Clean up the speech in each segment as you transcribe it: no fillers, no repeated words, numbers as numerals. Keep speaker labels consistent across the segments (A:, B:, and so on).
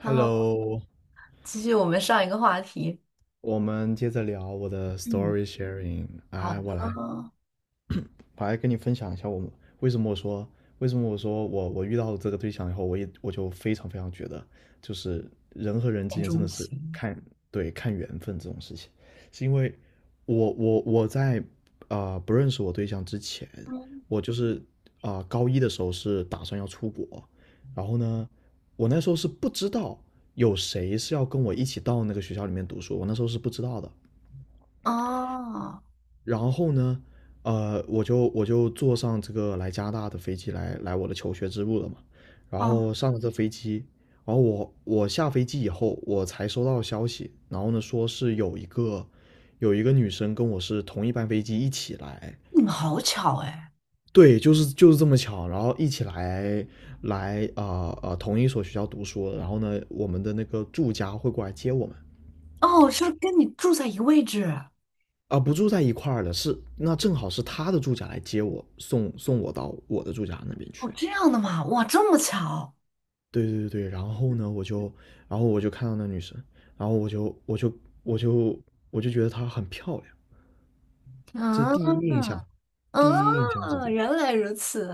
A: Hello，
B: Hello，
A: 继续我们上一个话题，
B: 我们接着聊我的
A: 嗯，
B: story sharing。
A: 好
B: 哎，
A: 的。
B: 我来跟你分享一下我们为什么我说为什么我说我遇到了这个对象以后，我就非常非常觉得，就是人和人之
A: 恋
B: 间真
A: 钟
B: 的是
A: 情。
B: 看，对，看缘分这种事情，是因为我在不认识我对象之前，
A: 嗯。
B: 我就是高一的时候是打算要出国，然后呢，我那时候是不知道有谁是要跟我一起到那个学校里面读书，我那时候是不知道的。
A: 哦。
B: 然后呢，我就坐上这个来加拿大的飞机，来我的求学之路了嘛。然
A: 哦。
B: 后上了这飞机，然后我下飞机以后，我才收到消息，然后呢说是有一个女生跟我是同一班飞机一起来，
A: 你们好巧哎！
B: 对，就是这么巧，然后一起来同一所学校读书，然后呢我们的那个住家会过来接我们。
A: 哦，是跟你住在一个位置。
B: 啊，不住在一块儿了，是那正好是他的住家来接我，送送我到我的住家那边
A: 哦，
B: 去。
A: 这样的嘛？哇，这么巧！
B: 对对对对，然后呢，我就，然后我就看到那女生，然后我就我就觉得她很漂亮，这是
A: 嗯。
B: 第一印象，第一印象是这
A: 嗯，
B: 样。
A: 原来如此！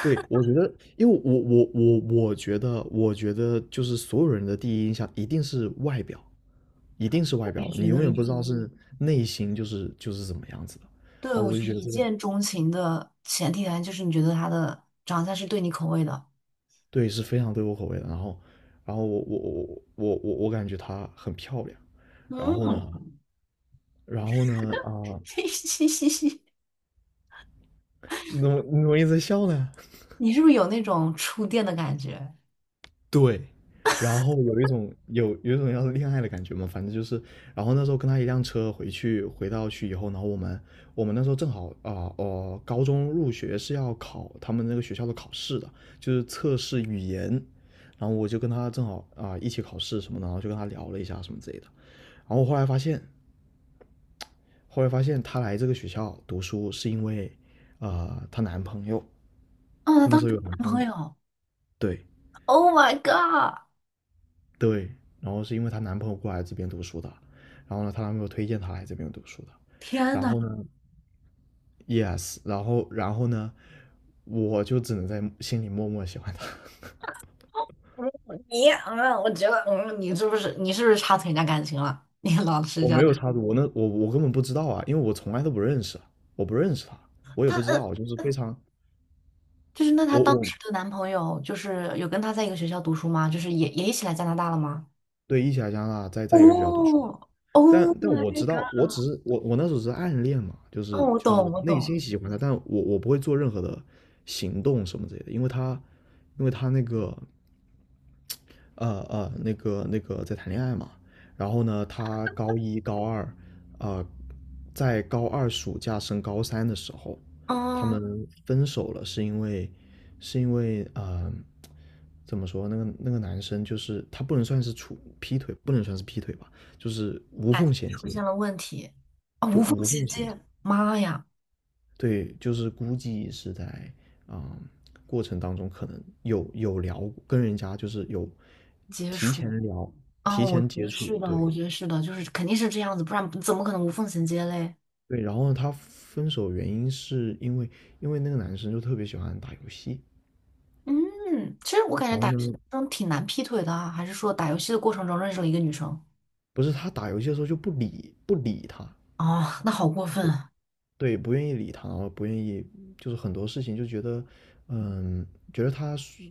B: 对，我觉得，因为我觉得就是所有人的第一印象一定是外表，一定是外
A: 我也
B: 表，
A: 觉
B: 你永
A: 得一
B: 远不知
A: 定，
B: 道是内心就是怎么样子的。
A: 对，
B: 啊，
A: 我
B: 我就
A: 觉得
B: 觉得
A: 一
B: 这个，
A: 见钟情的前提条件就是你觉得他的长相是对你口味的。
B: 对，是非常对我口味的。然后我感觉她很漂亮。然后呢，
A: 嗯。
B: 啊，然后呢啊、
A: 嘻嘻嘻嘻，
B: 你怎么一直笑呢？
A: 你是不是有那种触电的感觉？
B: 对，然后有一种要恋爱的感觉嘛，反正就是，然后那时候跟他一辆车回去，回到去以后，然后我们那时候正好高中入学是要考他们那个学校的考试的，就是测试语言，然后我就跟他正好一起考试什么的，然后就跟他聊了一下什么之类的，然后我后来发现，她来这个学校读书是因为，她男朋友，
A: 哦，
B: 她
A: 那
B: 那
A: 当
B: 时
A: 时
B: 候有
A: 有
B: 男
A: 男
B: 朋
A: 朋
B: 友，
A: 友。
B: 对。
A: Oh my god！
B: 对，然后是因为她男朋友过来这边读书的，然后呢，她男朋友推荐她来这边读书的，
A: 天
B: 然
A: 呐，
B: 后呢，yes，然后呢，我就只能在心里默默喜欢她。
A: 你我觉得你是不是插错人家感情了？你老 是
B: 我
A: 这样
B: 没有
A: 的。
B: 插足，我那我我根本不知道啊，因为我从来都不认识，我不认识她，我也不知道，就是非常，
A: 就是那她
B: 我
A: 当
B: 我
A: 时的男朋友，就是有跟她在一个学校读书吗？就是也一起来加拿大了吗？
B: 对，一起来加拿大，在一个学校读书，
A: 哦
B: 但
A: ，Oh my
B: 我知道，我
A: god！
B: 只是我那时候只是暗恋嘛，就
A: 哦，
B: 是
A: 我
B: 就
A: 懂，
B: 是
A: 我
B: 内
A: 懂。
B: 心喜欢他，但我不会做任何的行动什么之类的，因为他那个那个在谈恋爱嘛，然后呢，他高一高二，呃，在高二暑假升高三的时候，他
A: 嗯，
B: 们分手了，是因为是因为呃怎么说那个男生就是他不能算是处劈腿，不能算是劈腿吧，就是无
A: 感
B: 缝
A: 情
B: 衔
A: 出
B: 接。
A: 现了问题。啊、
B: 就
A: 无缝
B: 无
A: 衔
B: 缝衔接，
A: 接，妈呀。
B: 对，就是估计是在啊、过程当中可能有聊，跟人家就是有
A: 接
B: 提
A: 触。
B: 前聊、
A: 啊、
B: 提
A: 我觉
B: 前接
A: 得
B: 触，
A: 是的，
B: 对。
A: 我觉得是的，就是肯定是这样子，不然怎么可能无缝衔接嘞？
B: 对，然后他分手原因是因为那个男生就特别喜欢打游戏，
A: 嗯，其实我感觉
B: 然
A: 打
B: 后呢，
A: 游戏中挺难劈腿的啊，还是说打游戏的过程中认识了一个女生？
B: 不是他打游戏的时候就不理他，
A: 哦，那好过分啊！
B: 对，不愿意理他，然后不愿意，就是很多事情就觉得，嗯，觉得他是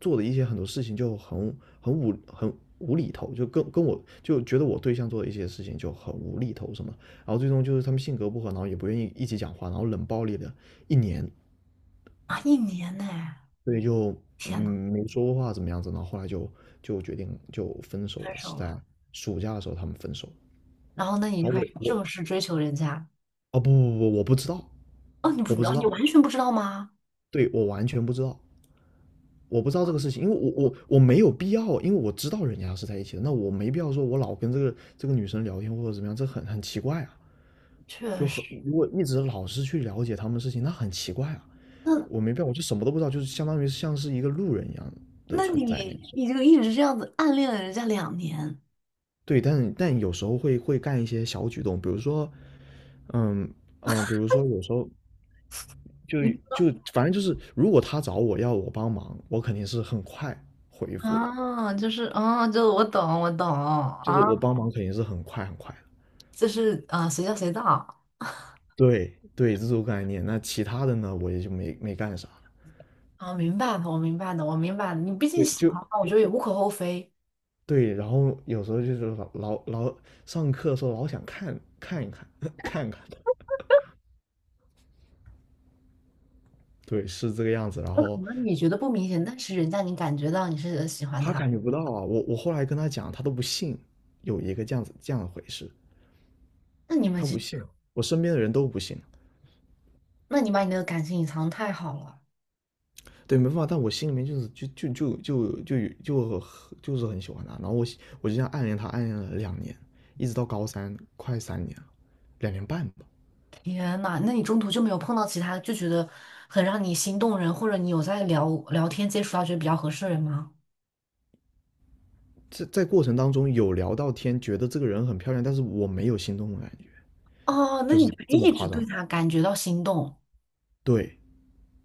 B: 做的一些很多事情就很无厘头，就跟我就觉得我对象做的一些事情就很无厘头什么，然后最终就是他们性格不合，然后也不愿意一起讲话，然后冷暴力的1年，
A: 啊，一年呢。
B: 所以就
A: 天呐。
B: 嗯没说过话怎么样子，然后后来就就决定就分手
A: 分
B: 了，
A: 手
B: 是在
A: 了。
B: 暑假的时候他们分手，
A: 然后那你
B: 然后
A: 就
B: 我
A: 开始
B: 我
A: 正式追求人家？
B: 哦，不不不，我不知道，
A: 哦，你不
B: 我
A: 知
B: 不
A: 道，
B: 知
A: 你
B: 道
A: 完全不知道吗？
B: 对，我完全不知道。我不知道这个事情，因为我没有必要，因为我知道人家是在一起的，那我没必要说我老跟这个女生聊天或者怎么样，这很很奇怪啊，
A: 确
B: 就
A: 实。
B: 很，如果一直老是去了解他们的事情，那很奇怪啊，
A: 那
B: 我没必要，我就什么都不知道，就是相当于像是一个路人一样的
A: 那
B: 存在那
A: 你
B: 种。
A: 你就一直这样子暗恋了人家2年。
B: 对，但有时候会干一些小举动，比如说，嗯比如说有时候就
A: 你不知道
B: 反正就是，如果他找我要我帮忙，我肯定是很快回复的，
A: 啊。就是啊，就我懂，我懂
B: 就是
A: 啊。
B: 我帮忙肯定是很快很快的。
A: 就是啊，随叫随到。
B: 对对，这种概念。那其他的呢，我也就没没干啥了。
A: 啊，明白的，我明白的，我明白的，你毕竟
B: 对，
A: 喜
B: 就
A: 欢嘛，我觉得也无可厚非。
B: 对。然后有时候就是老上课的时候老想看看一看 看看的，对，是这个样子。然
A: 有可
B: 后
A: 能你觉得不明显，但是人家你感觉到你是喜欢
B: 他
A: 他。
B: 感觉不到啊，我后来跟他讲，他都不信有一个这样子这样的回事，
A: 那你们
B: 他
A: 其
B: 不
A: 实，
B: 信啊，我身边的人都不信，
A: 那你把你那个感情隐藏太好了。
B: 对，没办法。但我心里面就是很喜欢他。然后我就这样暗恋他，暗恋了2年，一直到高三，快3年了，2年半吧。
A: 天呐，那你中途就没有碰到其他就觉得很让你心动人，或者你有在聊聊天接触到觉得比较合适的人吗？
B: 在过程当中有聊到天，觉得这个人很漂亮，但是我没有心动的感觉，
A: 哦，那
B: 就
A: 你
B: 是
A: 就
B: 这么
A: 一直
B: 夸
A: 对
B: 张。
A: 他感觉到心动。
B: 对，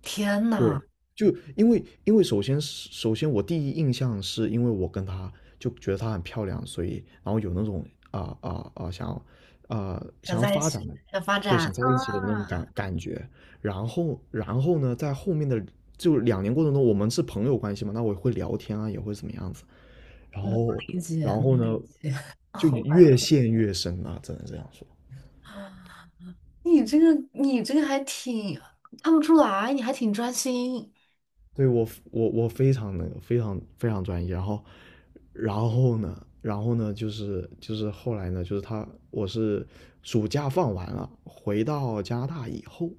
A: 天
B: 对，
A: 呐。
B: 就因为，首先我第一印象是因为我跟她就觉得她很漂亮，所以然后有那种啊啊啊想要
A: 想
B: 想要
A: 在一
B: 发展
A: 起，
B: 的，
A: 想发
B: 对，
A: 展
B: 想在一起的那
A: 啊。
B: 种感觉。然后呢，在后面的就2年过程中，我们是朋友关系嘛，那我也会聊天啊，也会怎么样子。然
A: 能
B: 后
A: 理解，
B: 然
A: 能
B: 后
A: 理
B: 呢，
A: 解。
B: 就
A: Oh
B: 越
A: my
B: 陷越深啊，只能这样说。
A: god。你这个还挺看不出来，你还挺专心。
B: 对，我非常那个非常非常专业，然后然后呢，然后呢就是后来呢，就是我是暑假放完了，回到加拿大以后，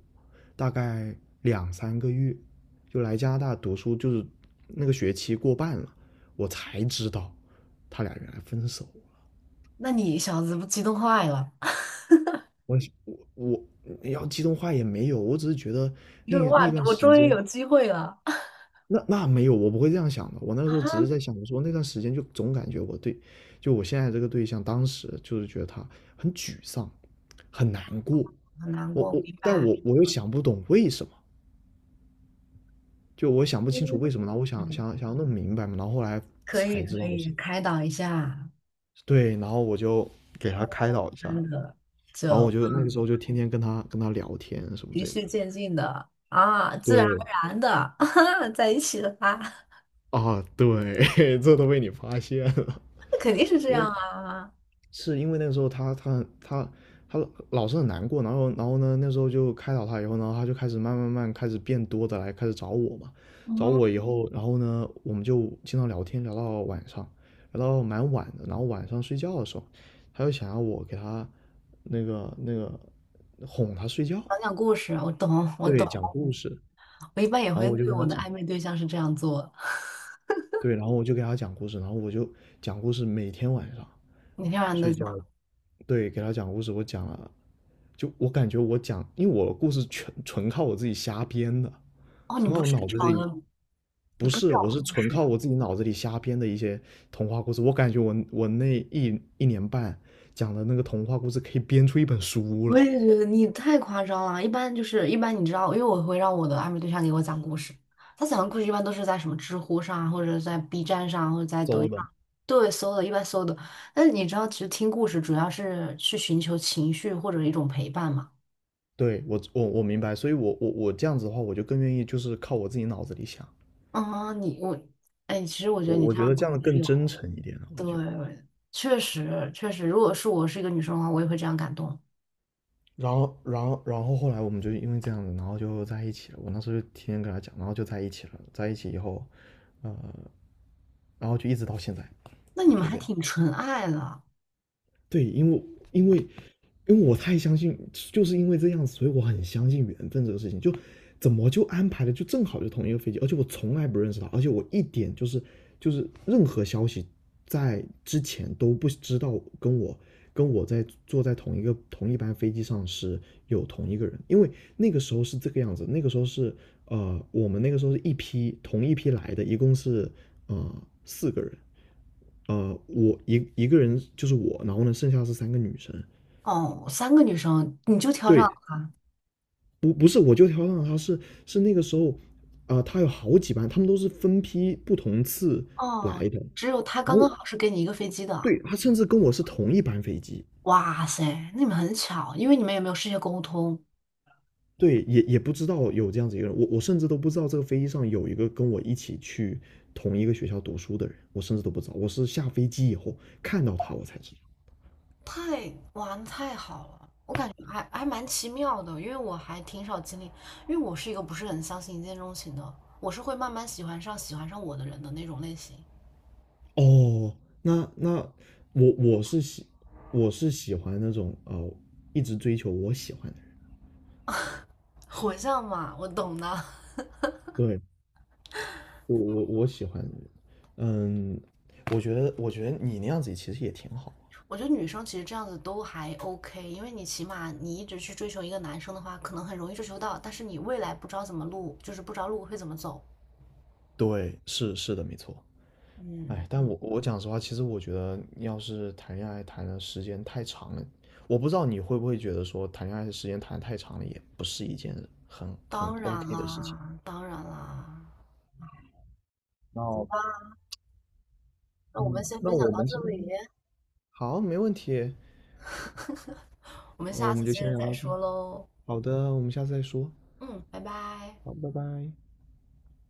B: 大概2、3个月就来加拿大读书，就是那个学期过半了，我才知道他俩原来分手。
A: 那你小子不激动坏了。
B: 我我我要激动话也没有，我只是觉得
A: 你说
B: 那
A: 哇，
B: 那段
A: 我
B: 时
A: 终于
B: 间
A: 有机会了。
B: 那那没有，我不会这样想的。我那时候
A: 啊？
B: 只是在想，我说那段时间就总感觉我对，就我现在这个对象，当时就是觉得他很沮丧，很难过。
A: 很难过，明
B: 但
A: 白。
B: 我又想不懂为什么，就我想不清楚
A: 嗯。
B: 为什么。然后我
A: 嗯，
B: 想要弄明白嘛，然后后来
A: 可以
B: 才知
A: 可
B: 道
A: 以，
B: 是。
A: 开导一下。
B: 对，然后我就给他开导一下，
A: 真的。
B: 然后我
A: 就
B: 就那个时候就天天跟他聊天什么
A: 循
B: 之类的。
A: 序渐进的啊，自然
B: 对
A: 而然的 在一起了啊。
B: 啊，对。这都被你发现了。
A: 那肯定是这样 啊。
B: 是因为那个时候他他老是很难过，然后呢，那时候就开导他以后，然后他就开始慢开始变多的来开始找我嘛，找
A: 嗯，
B: 我以后，然后呢，我们就经常聊天，聊到晚上，聊到蛮晚的，然后晚上睡觉的时候，他就想要我给他那个哄他睡觉，
A: 讲讲故事，我懂，我懂。
B: 对，讲故事，
A: 我一般也
B: 然
A: 会
B: 后我就
A: 对
B: 给他
A: 我的
B: 讲，
A: 暧昧对象是这样做。
B: 对，然后我就给他讲故事，然后我就讲故事，每天晚上
A: 每天晚上都
B: 睡
A: 讲。
B: 觉，对，给他讲故事，我感觉我讲，因为我的故事全纯靠我自己瞎编的，
A: 哦，你
B: 纯靠
A: 不
B: 我
A: 是
B: 脑子
A: 找
B: 里，
A: 的。你
B: 不
A: 不是
B: 是，
A: 找
B: 我是
A: 故
B: 纯
A: 事。
B: 靠我自己脑子里瞎编的一些童话故事。我感觉我那1年半讲的那个童话故事可以编出一本书
A: 我
B: 了。
A: 也觉得你太夸张了。一般就是一般，你知道，因为我会让我的暧昧对象给我讲故事。他讲的故事一般都是在什么知乎上，或者在 B 站上，或者在抖
B: 周
A: 音
B: 的。
A: 上。对，搜的，一般搜的。但是你知道，其实听故事主要是去寻求情绪或者一种陪伴嘛。
B: 对，我明白，所以我这样子的话，我就更愿意就是靠我自己脑子里想，
A: 啊，你我。哎，其实我觉得你
B: 我
A: 这
B: 觉
A: 样
B: 得这样的
A: 挺
B: 更
A: 有。
B: 真诚一点了，我觉得。
A: 对，确实确实，如果是我是一个女生的话，我也会这样感动。
B: 然后后来我们就因为这样子，然后就在一起了。我那时候就天天跟他讲，然后就在一起了，在一起以后，然后就一直到现在。
A: 那你们
B: 就
A: 还
B: 这样。
A: 挺纯爱的。
B: 对，因为因为我太相信，就是因为这样子，所以我很相信缘分这个事情。就怎么就安排的就正好就同一个飞机，而且我从来不认识他，而且我一点就是任何消息在之前都不知道跟我在坐在同一个同一班飞机上是有同一个人，因为那个时候是这个样子，那个时候是呃我们那个时候是一批同一批来的，一共是四个人，我一个人就是我，然后呢，剩下是三个女生。
A: 哦，3个女生你就挑上。
B: 对，不是，我就挑上了她，是是那个时候，她有好几班，她们都是分批不同次来
A: 哦，
B: 的。
A: 只有他
B: 然
A: 刚刚
B: 后
A: 好是给你一个飞机的。
B: 对，她甚至跟我是同一班飞机。
A: 哇塞，那你们很巧，因为你们也没有事先沟通。
B: 对，也不知道有这样子一个人，我甚至都不知道这个飞机上有一个跟我一起去同一个学校读书的人，我甚至都不知道，我是下飞机以后看到他我才知道。
A: 太，哇，那太好了，我感觉还蛮奇妙的，因为我还挺少经历。因为我是一个不是很相信一见钟情的，我是会慢慢喜欢上我的人的那种类型。
B: 哦，那我我是喜我是喜欢那种，一直追求我喜欢的人。
A: 火象嘛，我懂的。
B: 对，我喜欢的人。嗯，我觉得你那样子其实也挺好。
A: 我觉得女生其实这样子都还 OK，因为你起码你一直去追求一个男生的话，可能很容易追求到，但是你未来不知道怎么路，就是不知道路会怎么走。
B: 对，是的，没错。哎，
A: 嗯，
B: 但我讲实话，其实我觉得要是谈恋爱谈的时间太长了，我不知道你会不会觉得说谈恋爱的时间谈得太长了，也不是一件很
A: 当然
B: OK 的事情。
A: 啦，当然啦。
B: 那
A: 那我
B: 嗯，
A: 们先
B: 那
A: 分享
B: 我
A: 到
B: 们
A: 这
B: 今天
A: 里，
B: 好，没问题。
A: 我们
B: 我
A: 下
B: 们
A: 次
B: 就
A: 接
B: 先
A: 着
B: 聊
A: 再
B: 到这儿
A: 说喽。
B: 好的，我们下次再说。
A: 嗯，拜拜。
B: 好，拜拜。